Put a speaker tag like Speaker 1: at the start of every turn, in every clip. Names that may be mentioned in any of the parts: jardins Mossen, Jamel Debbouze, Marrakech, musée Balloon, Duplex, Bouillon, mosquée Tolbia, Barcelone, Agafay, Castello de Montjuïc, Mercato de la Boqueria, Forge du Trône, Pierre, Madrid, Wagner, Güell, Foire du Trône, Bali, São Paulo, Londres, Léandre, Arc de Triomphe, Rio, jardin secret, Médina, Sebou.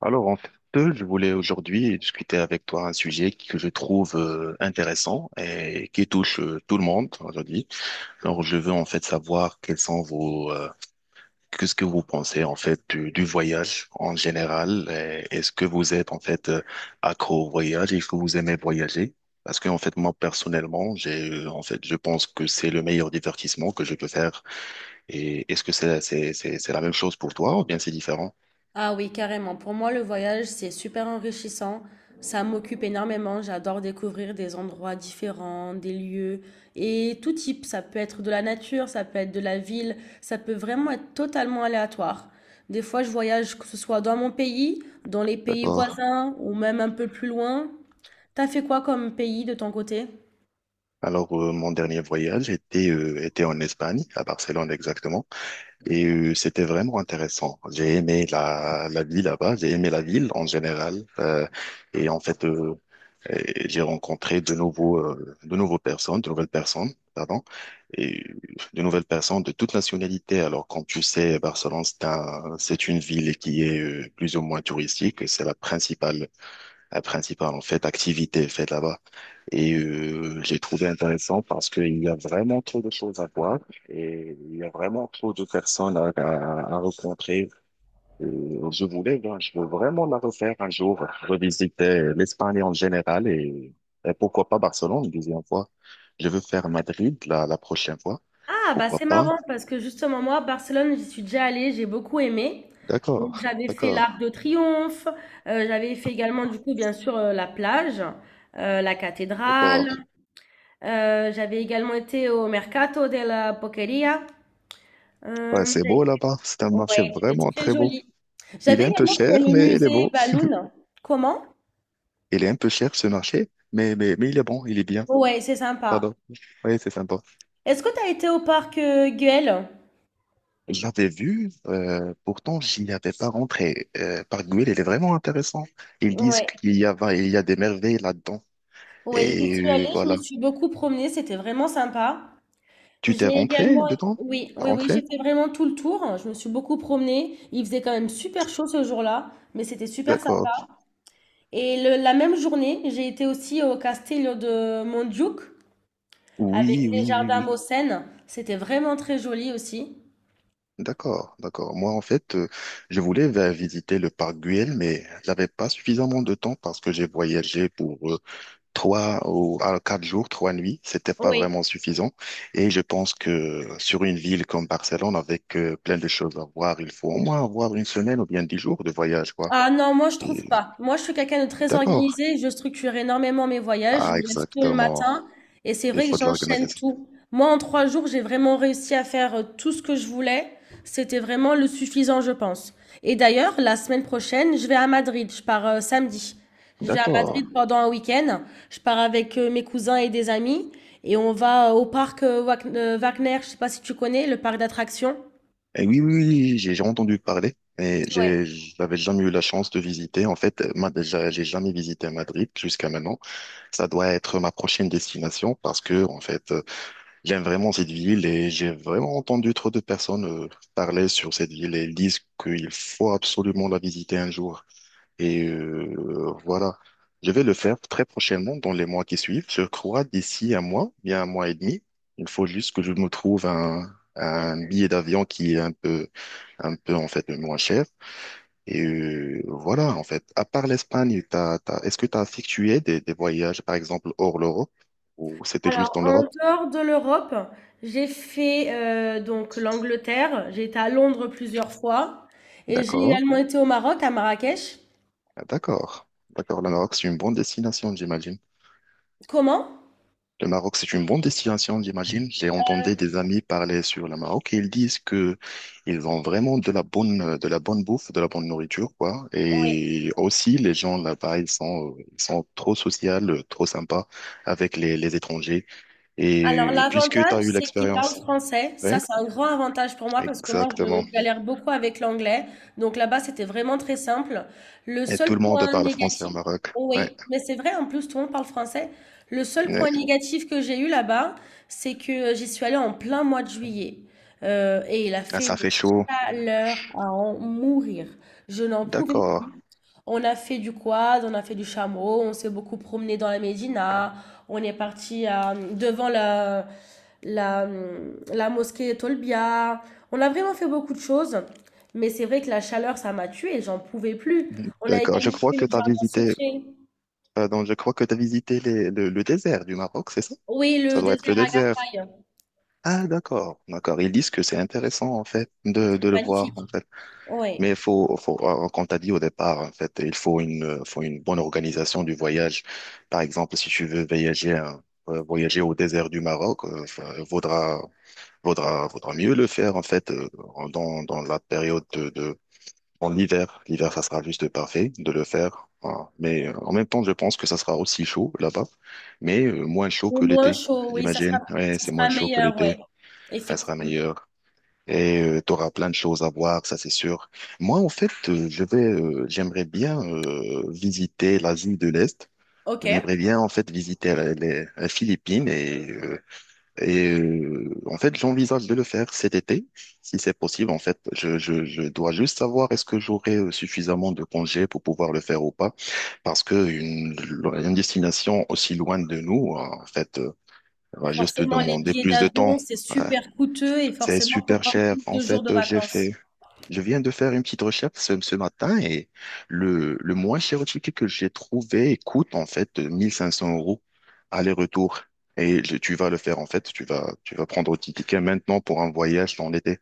Speaker 1: Alors, en fait, je voulais aujourd'hui discuter avec toi un sujet que je trouve intéressant et qui touche tout le monde aujourd'hui. Alors, je veux en fait savoir quels sont qu'est-ce que vous pensez en fait du voyage en général. Et est-ce que vous êtes en fait accro au voyage? Est-ce que vous aimez voyager? Parce que en fait, moi personnellement, j'ai en fait, je pense que c'est le meilleur divertissement que je peux faire, et est-ce que c'est la même chose pour toi ou bien c'est différent?
Speaker 2: Ah oui, carrément. Pour moi, le voyage, c'est super enrichissant. Ça m'occupe énormément. J'adore découvrir des endroits différents, des lieux et tout type. Ça peut être de la nature, ça peut être de la ville, ça peut vraiment être totalement aléatoire. Des fois, je voyage, que ce soit dans mon pays, dans les pays
Speaker 1: D'accord.
Speaker 2: voisins ou même un peu plus loin. T'as fait quoi comme pays de ton côté?
Speaker 1: Alors, mon dernier voyage était en Espagne, à Barcelone exactement, et c'était vraiment intéressant. J'ai aimé la vie là-bas, j'ai aimé la ville en général. Et en fait, euh, Et j'ai rencontré de nouvelles personnes, pardon, et de nouvelles personnes de toutes nationalités. Alors, comme tu sais, Barcelone, c'est une ville qui est plus ou moins touristique, et c'est la principale, en fait, activité faite là-bas. Et j'ai trouvé intéressant parce qu'il y a vraiment trop de choses à voir, et il y a vraiment trop de personnes à rencontrer. Je veux vraiment la refaire un jour, revisiter l'Espagne en général, et pourquoi pas Barcelone une deuxième fois. Je veux faire Madrid la prochaine fois.
Speaker 2: Ah, bah
Speaker 1: Pourquoi
Speaker 2: c'est
Speaker 1: pas?
Speaker 2: marrant parce que justement, moi, Barcelone, j'y suis déjà allée, j'ai beaucoup aimé. Donc,
Speaker 1: D'accord,
Speaker 2: j'avais fait l'Arc
Speaker 1: d'accord,
Speaker 2: de Triomphe, j'avais fait également, du coup, bien sûr, la plage, la cathédrale,
Speaker 1: d'accord.
Speaker 2: j'avais également été au Mercato de la Boqueria. Euh,
Speaker 1: Ouais, c'est
Speaker 2: j'avais-
Speaker 1: beau là-bas. C'est un marché
Speaker 2: ouais, c'était
Speaker 1: vraiment
Speaker 2: très
Speaker 1: très beau.
Speaker 2: joli.
Speaker 1: Il est
Speaker 2: J'avais
Speaker 1: un peu
Speaker 2: également fait
Speaker 1: cher,
Speaker 2: le
Speaker 1: mais il est
Speaker 2: musée
Speaker 1: beau.
Speaker 2: Balloon. Comment?
Speaker 1: Il est un peu cher ce marché, mais il est bon, il est bien.
Speaker 2: Ouais, c'est sympa.
Speaker 1: Pardon. Oui, c'est sympa.
Speaker 2: Est-ce que tu as été au parc Güell?
Speaker 1: J'avais vu, pourtant j'y avais pas rentré. Par Il est vraiment intéressant. Ils disent
Speaker 2: Ouais,
Speaker 1: qu'il y a des merveilles là-dedans.
Speaker 2: ouais, j'y
Speaker 1: Et
Speaker 2: suis allée, je
Speaker 1: voilà.
Speaker 2: me suis beaucoup promenée, c'était vraiment sympa.
Speaker 1: Tu
Speaker 2: J'ai
Speaker 1: t'es rentré
Speaker 2: également,
Speaker 1: dedans?
Speaker 2: oui,
Speaker 1: T'as
Speaker 2: oui, oui, j'ai
Speaker 1: rentré?
Speaker 2: fait vraiment tout le tour. Je me suis beaucoup promenée. Il faisait quand même super chaud ce jour-là, mais c'était super sympa.
Speaker 1: D'accord.
Speaker 2: La même journée, j'ai été aussi au Castello de Montjuïc avec
Speaker 1: Oui,
Speaker 2: les
Speaker 1: oui, oui,
Speaker 2: jardins
Speaker 1: oui.
Speaker 2: Mossen. C'était vraiment très joli aussi.
Speaker 1: D'accord, d'accord. Moi, en fait, je voulais visiter le parc Güell, mais j'avais pas suffisamment de temps parce que j'ai voyagé pour trois ou à quatre jours, trois nuits, c'était pas
Speaker 2: Oui.
Speaker 1: vraiment suffisant. Et je pense que sur une ville comme Barcelone, avec plein de choses à voir, il faut au moins avoir une semaine ou bien 10 jours de voyage, quoi.
Speaker 2: Ah non, moi je trouve
Speaker 1: Et
Speaker 2: pas. Moi je suis quelqu'un de très
Speaker 1: d'accord.
Speaker 2: organisé, je structure énormément mes voyages, je
Speaker 1: Ah,
Speaker 2: me lève tôt le
Speaker 1: exactement.
Speaker 2: matin et c'est
Speaker 1: Il
Speaker 2: vrai que
Speaker 1: faut de
Speaker 2: j'enchaîne
Speaker 1: l'organisation.
Speaker 2: tout. Moi en trois jours, j'ai vraiment réussi à faire tout ce que je voulais. C'était vraiment le suffisant, je pense. Et d'ailleurs, la semaine prochaine, je vais à Madrid, je pars samedi. Je vais à
Speaker 1: D'accord.
Speaker 2: Madrid pendant un week-end. Je pars avec mes cousins et des amis et on va au parc Wagner, je sais pas si tu connais, le parc d'attractions.
Speaker 1: Et oui, oui, oui, j'ai entendu parler, mais
Speaker 2: Ouais.
Speaker 1: j'avais jamais eu la chance de visiter. En fait, moi, déjà, j'ai jamais visité Madrid jusqu'à maintenant. Ça doit être ma prochaine destination parce que, en fait, j'aime vraiment cette ville et j'ai vraiment entendu trop de personnes parler sur cette ville et disent qu'il faut absolument la visiter un jour. Et voilà, je vais le faire très prochainement dans les mois qui suivent. Je crois d'ici un mois, bien un mois et demi. Il faut juste que je me trouve un billet d'avion qui est un peu en fait moins cher. Et voilà, en fait, à part l'Espagne, est-ce que tu as effectué des voyages, par exemple, hors l'Europe, ou c'était juste
Speaker 2: Alors,
Speaker 1: dans
Speaker 2: en
Speaker 1: l'Europe?
Speaker 2: dehors de l'Europe, j'ai fait donc l'Angleterre, j'ai été à Londres plusieurs fois et j'ai également
Speaker 1: D'accord.
Speaker 2: été au Maroc, à Marrakech.
Speaker 1: Ah, d'accord, d'accord. Le Maroc, c'est une bonne destination, j'imagine.
Speaker 2: Comment?
Speaker 1: Le Maroc, c'est une bonne destination, j'imagine. J'ai entendu des amis parler sur le Maroc et ils disent que ils ont vraiment de la bonne, de la bonne nourriture, quoi. Et aussi, les gens là-bas, ils sont trop sociaux, trop sympas avec les étrangers.
Speaker 2: Alors,
Speaker 1: Et puisque tu
Speaker 2: l'avantage,
Speaker 1: as eu
Speaker 2: c'est qu'ils parlent
Speaker 1: l'expérience.
Speaker 2: français. Ça,
Speaker 1: Ouais,
Speaker 2: c'est un grand avantage pour moi parce que moi,
Speaker 1: exactement.
Speaker 2: je galère beaucoup avec l'anglais. Donc là-bas, c'était vraiment très simple. Le
Speaker 1: Et tout
Speaker 2: seul
Speaker 1: le monde
Speaker 2: point
Speaker 1: parle français au
Speaker 2: négatif,
Speaker 1: Maroc.
Speaker 2: oh
Speaker 1: Ouais,
Speaker 2: oui, mais c'est vrai, en plus, tout le monde parle français. Le seul point
Speaker 1: ouais.
Speaker 2: négatif que j'ai eu là-bas, c'est que j'y suis allée en plein mois de juillet. Et il a
Speaker 1: Ah,
Speaker 2: fait
Speaker 1: ça
Speaker 2: une
Speaker 1: fait chaud.
Speaker 2: chaleur à en mourir. Je n'en pouvais
Speaker 1: D'accord.
Speaker 2: plus. On a fait du quad, on a fait du chameau, on s'est beaucoup promené dans la Médina. On est parti devant la, la mosquée Tolbia. On a vraiment fait beaucoup de choses, mais c'est vrai que la chaleur, ça m'a tuée, j'en pouvais plus. On a
Speaker 1: D'accord.
Speaker 2: également fait le jardin secret.
Speaker 1: Je crois que tu as visité le désert du Maroc, c'est ça?
Speaker 2: Oui,
Speaker 1: Ça
Speaker 2: le
Speaker 1: doit être le
Speaker 2: désert à
Speaker 1: désert.
Speaker 2: Agafay,
Speaker 1: Ah, d'accord, d'accord. Ils disent que c'est intéressant, en fait, de le voir,
Speaker 2: magnifique.
Speaker 1: en fait.
Speaker 2: Oui,
Speaker 1: Mais il comme t'as dit au départ, en fait, il faut une bonne organisation du voyage. Par exemple, si tu veux voyager, hein, voyager au désert du Maroc, enfin, vaudra, vaudra mieux le faire, en fait, dans la période en hiver, l'hiver, ça sera juste parfait de le faire. Voilà. Mais en même temps, je pense que ça sera aussi chaud là-bas, mais moins chaud
Speaker 2: et
Speaker 1: que
Speaker 2: moins
Speaker 1: l'été,
Speaker 2: chaud, oui,
Speaker 1: j'imagine. Ouais,
Speaker 2: ça
Speaker 1: c'est moins
Speaker 2: sera
Speaker 1: chaud que
Speaker 2: meilleur, oui,
Speaker 1: l'été. Ça sera
Speaker 2: effectivement.
Speaker 1: meilleur. Et tu auras plein de choses à voir, ça c'est sûr. Moi, en fait, j'aimerais bien visiter l'Asie de l'Est.
Speaker 2: Ok.
Speaker 1: J'aimerais bien, en fait, visiter les Philippines, en fait, j'envisage de le faire cet été, si c'est possible. En fait, je dois juste savoir est-ce que j'aurai suffisamment de congés pour pouvoir le faire ou pas, parce que une destination aussi loin de nous, en fait, va juste
Speaker 2: Forcément, les
Speaker 1: demander
Speaker 2: billets
Speaker 1: plus de
Speaker 2: d'avion,
Speaker 1: temps.
Speaker 2: c'est
Speaker 1: Ouais.
Speaker 2: super coûteux et
Speaker 1: C'est
Speaker 2: forcément, il faut
Speaker 1: super
Speaker 2: prendre
Speaker 1: cher.
Speaker 2: plus
Speaker 1: En
Speaker 2: de jours de
Speaker 1: fait, j'ai
Speaker 2: vacances.
Speaker 1: fait je viens de faire une petite recherche ce matin, et le moins cher ticket que j'ai trouvé coûte en fait 1 500 € aller-retour. Et tu vas le faire en fait, tu vas prendre ton ticket maintenant pour un voyage dans l'été,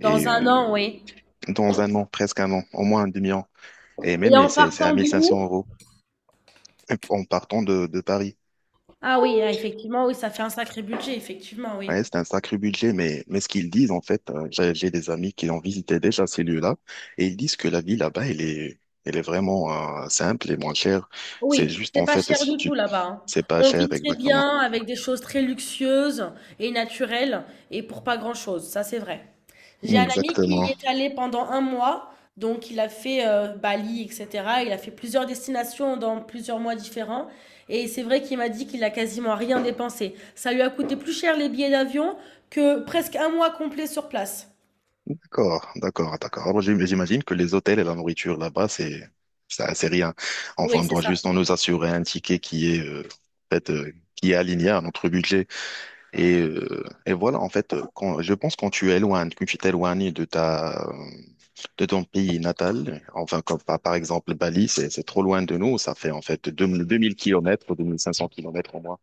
Speaker 1: et
Speaker 2: un an, oui.
Speaker 1: dans un an, presque un an, au moins un demi-an. Et
Speaker 2: Et
Speaker 1: même et
Speaker 2: en
Speaker 1: c'est à
Speaker 2: partant de
Speaker 1: 1500
Speaker 2: où?
Speaker 1: euros en partant de Paris.
Speaker 2: Ah oui, ah, effectivement, oui, ça fait un sacré budget, effectivement, oui.
Speaker 1: Ouais, c'est un sacré budget, mais ce qu'ils disent, en fait, j'ai des amis qui ont visité déjà ces lieux-là, et ils disent que la vie là-bas, elle est vraiment simple et moins chère. C'est
Speaker 2: Oui,
Speaker 1: juste,
Speaker 2: c'est
Speaker 1: en
Speaker 2: pas
Speaker 1: fait,
Speaker 2: cher
Speaker 1: si
Speaker 2: du
Speaker 1: tu...
Speaker 2: tout là-bas, hein.
Speaker 1: C'est pas
Speaker 2: On
Speaker 1: cher,
Speaker 2: vit très
Speaker 1: exactement.
Speaker 2: bien avec des choses très luxueuses et naturelles et pour pas grand-chose, ça c'est vrai. J'ai un ami qui
Speaker 1: Exactement.
Speaker 2: y est allé pendant un mois, donc il a fait Bali, etc. Il a fait plusieurs destinations dans plusieurs mois différents et c'est vrai qu'il m'a dit qu'il a quasiment rien dépensé. Ça lui a coûté plus cher les billets d'avion que presque un mois complet sur place.
Speaker 1: D'accord, d'accord, d'accord. Alors, j'imagine que les hôtels et la nourriture là-bas, c'est, ça, c'est rien. Enfin,
Speaker 2: Oui,
Speaker 1: on
Speaker 2: c'est
Speaker 1: doit
Speaker 2: ça.
Speaker 1: juste en nous assurer un ticket qui est, en fait, qui est aligné à notre budget. Et voilà, en fait, je pense quand tu t'éloignes de de ton pays natal, enfin, comme par exemple Bali, c'est trop loin de nous, ça fait en fait deux mille kilomètres, 2 500 kilomètres au moins.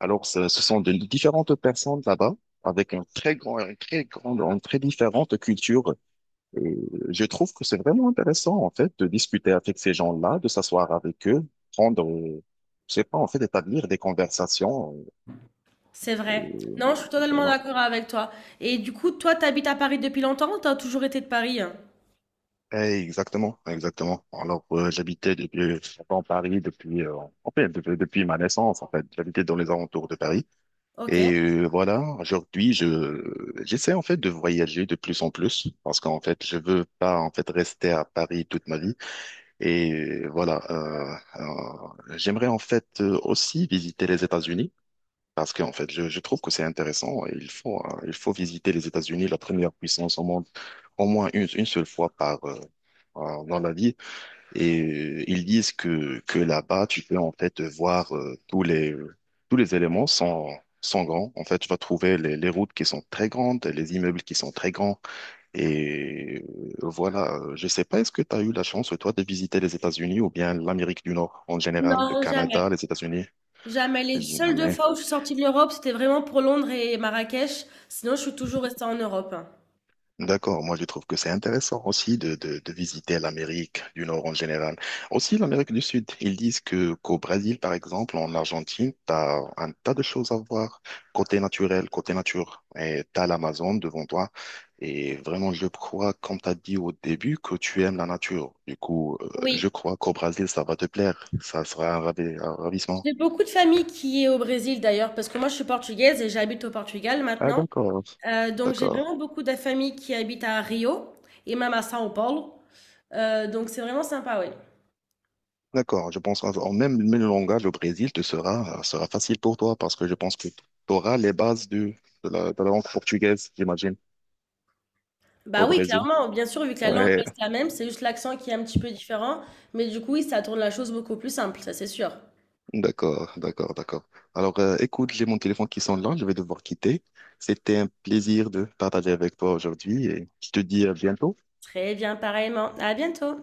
Speaker 1: Alors, ce sont de différentes personnes là-bas, avec un très grand, un très grande, une très différente culture. Et je trouve que c'est vraiment intéressant, en fait, de discuter avec ces gens-là, de s'asseoir avec eux, prendre, euh, je sais pas, en fait, établir des conversations.
Speaker 2: C'est
Speaker 1: euh,
Speaker 2: vrai. Non, je suis totalement
Speaker 1: voilà.
Speaker 2: d'accord avec toi. Et du coup, toi, t'habites à Paris depuis longtemps ou t'as toujours été de Paris, hein?
Speaker 1: Eh, exactement, exactement. Alors, j'étais en Paris en fait, depuis ma naissance, en fait. J'habitais dans les alentours de Paris.
Speaker 2: Ok.
Speaker 1: Et voilà, aujourd'hui, je j'essaie en fait de voyager de plus en plus parce qu'en fait, je veux pas en fait rester à Paris toute ma vie. Et voilà, j'aimerais en fait aussi visiter les États-Unis. Parce qu'en fait, je trouve que c'est intéressant. Il faut visiter les États-Unis, la première puissance au monde, au moins une seule fois dans la vie. Et ils disent que là-bas, tu peux en fait voir tous les éléments sans grands. En fait, tu vas trouver les routes qui sont très grandes, les immeubles qui sont très grands. Et voilà, je sais pas, est-ce que tu as eu la chance, toi, de visiter les États-Unis ou bien l'Amérique du Nord en général, le
Speaker 2: Non,
Speaker 1: Canada,
Speaker 2: jamais.
Speaker 1: les États-Unis?
Speaker 2: Jamais. Les seules deux
Speaker 1: Jamais.
Speaker 2: fois où je suis sortie de l'Europe, c'était vraiment pour Londres et Marrakech. Sinon, je suis toujours restée en Europe, hein.
Speaker 1: D'accord, moi je trouve que c'est intéressant aussi de visiter l'Amérique du Nord en général. Aussi l'Amérique du Sud. Ils disent que qu'au Brésil, par exemple, en Argentine, tu as un tas de choses à voir côté naturel, côté nature. Et tu as l'Amazon devant toi. Et vraiment, je crois, comme tu as dit au début, que tu aimes la nature. Du coup, je
Speaker 2: Oui.
Speaker 1: crois qu'au Brésil, ça va te plaire. Ça sera un un ravissement.
Speaker 2: J'ai beaucoup de famille qui est au Brésil d'ailleurs, parce que moi, je suis portugaise et j'habite au Portugal
Speaker 1: Ah,
Speaker 2: maintenant.
Speaker 1: d'accord.
Speaker 2: Donc, j'ai
Speaker 1: D'accord.
Speaker 2: vraiment beaucoup de famille qui habite à Rio et même à São Paulo. Donc, c'est vraiment sympa, oui.
Speaker 1: D'accord, je pense même le langage au Brésil te sera facile pour toi, parce que je pense que tu auras les bases de la langue portugaise, j'imagine,
Speaker 2: Bah
Speaker 1: au
Speaker 2: oui,
Speaker 1: Brésil.
Speaker 2: clairement, bien sûr, vu que la langue
Speaker 1: Ouais,
Speaker 2: reste la même, c'est juste l'accent qui est un petit peu différent. Mais du coup, oui, ça tourne la chose beaucoup plus simple, ça c'est sûr.
Speaker 1: d'accord, d'accord, d'accord. Alors, écoute, j'ai mon téléphone qui sonne là, je vais devoir quitter. C'était un plaisir de partager avec toi aujourd'hui et je te dis à bientôt.
Speaker 2: Très bien, pareillement. À bientôt.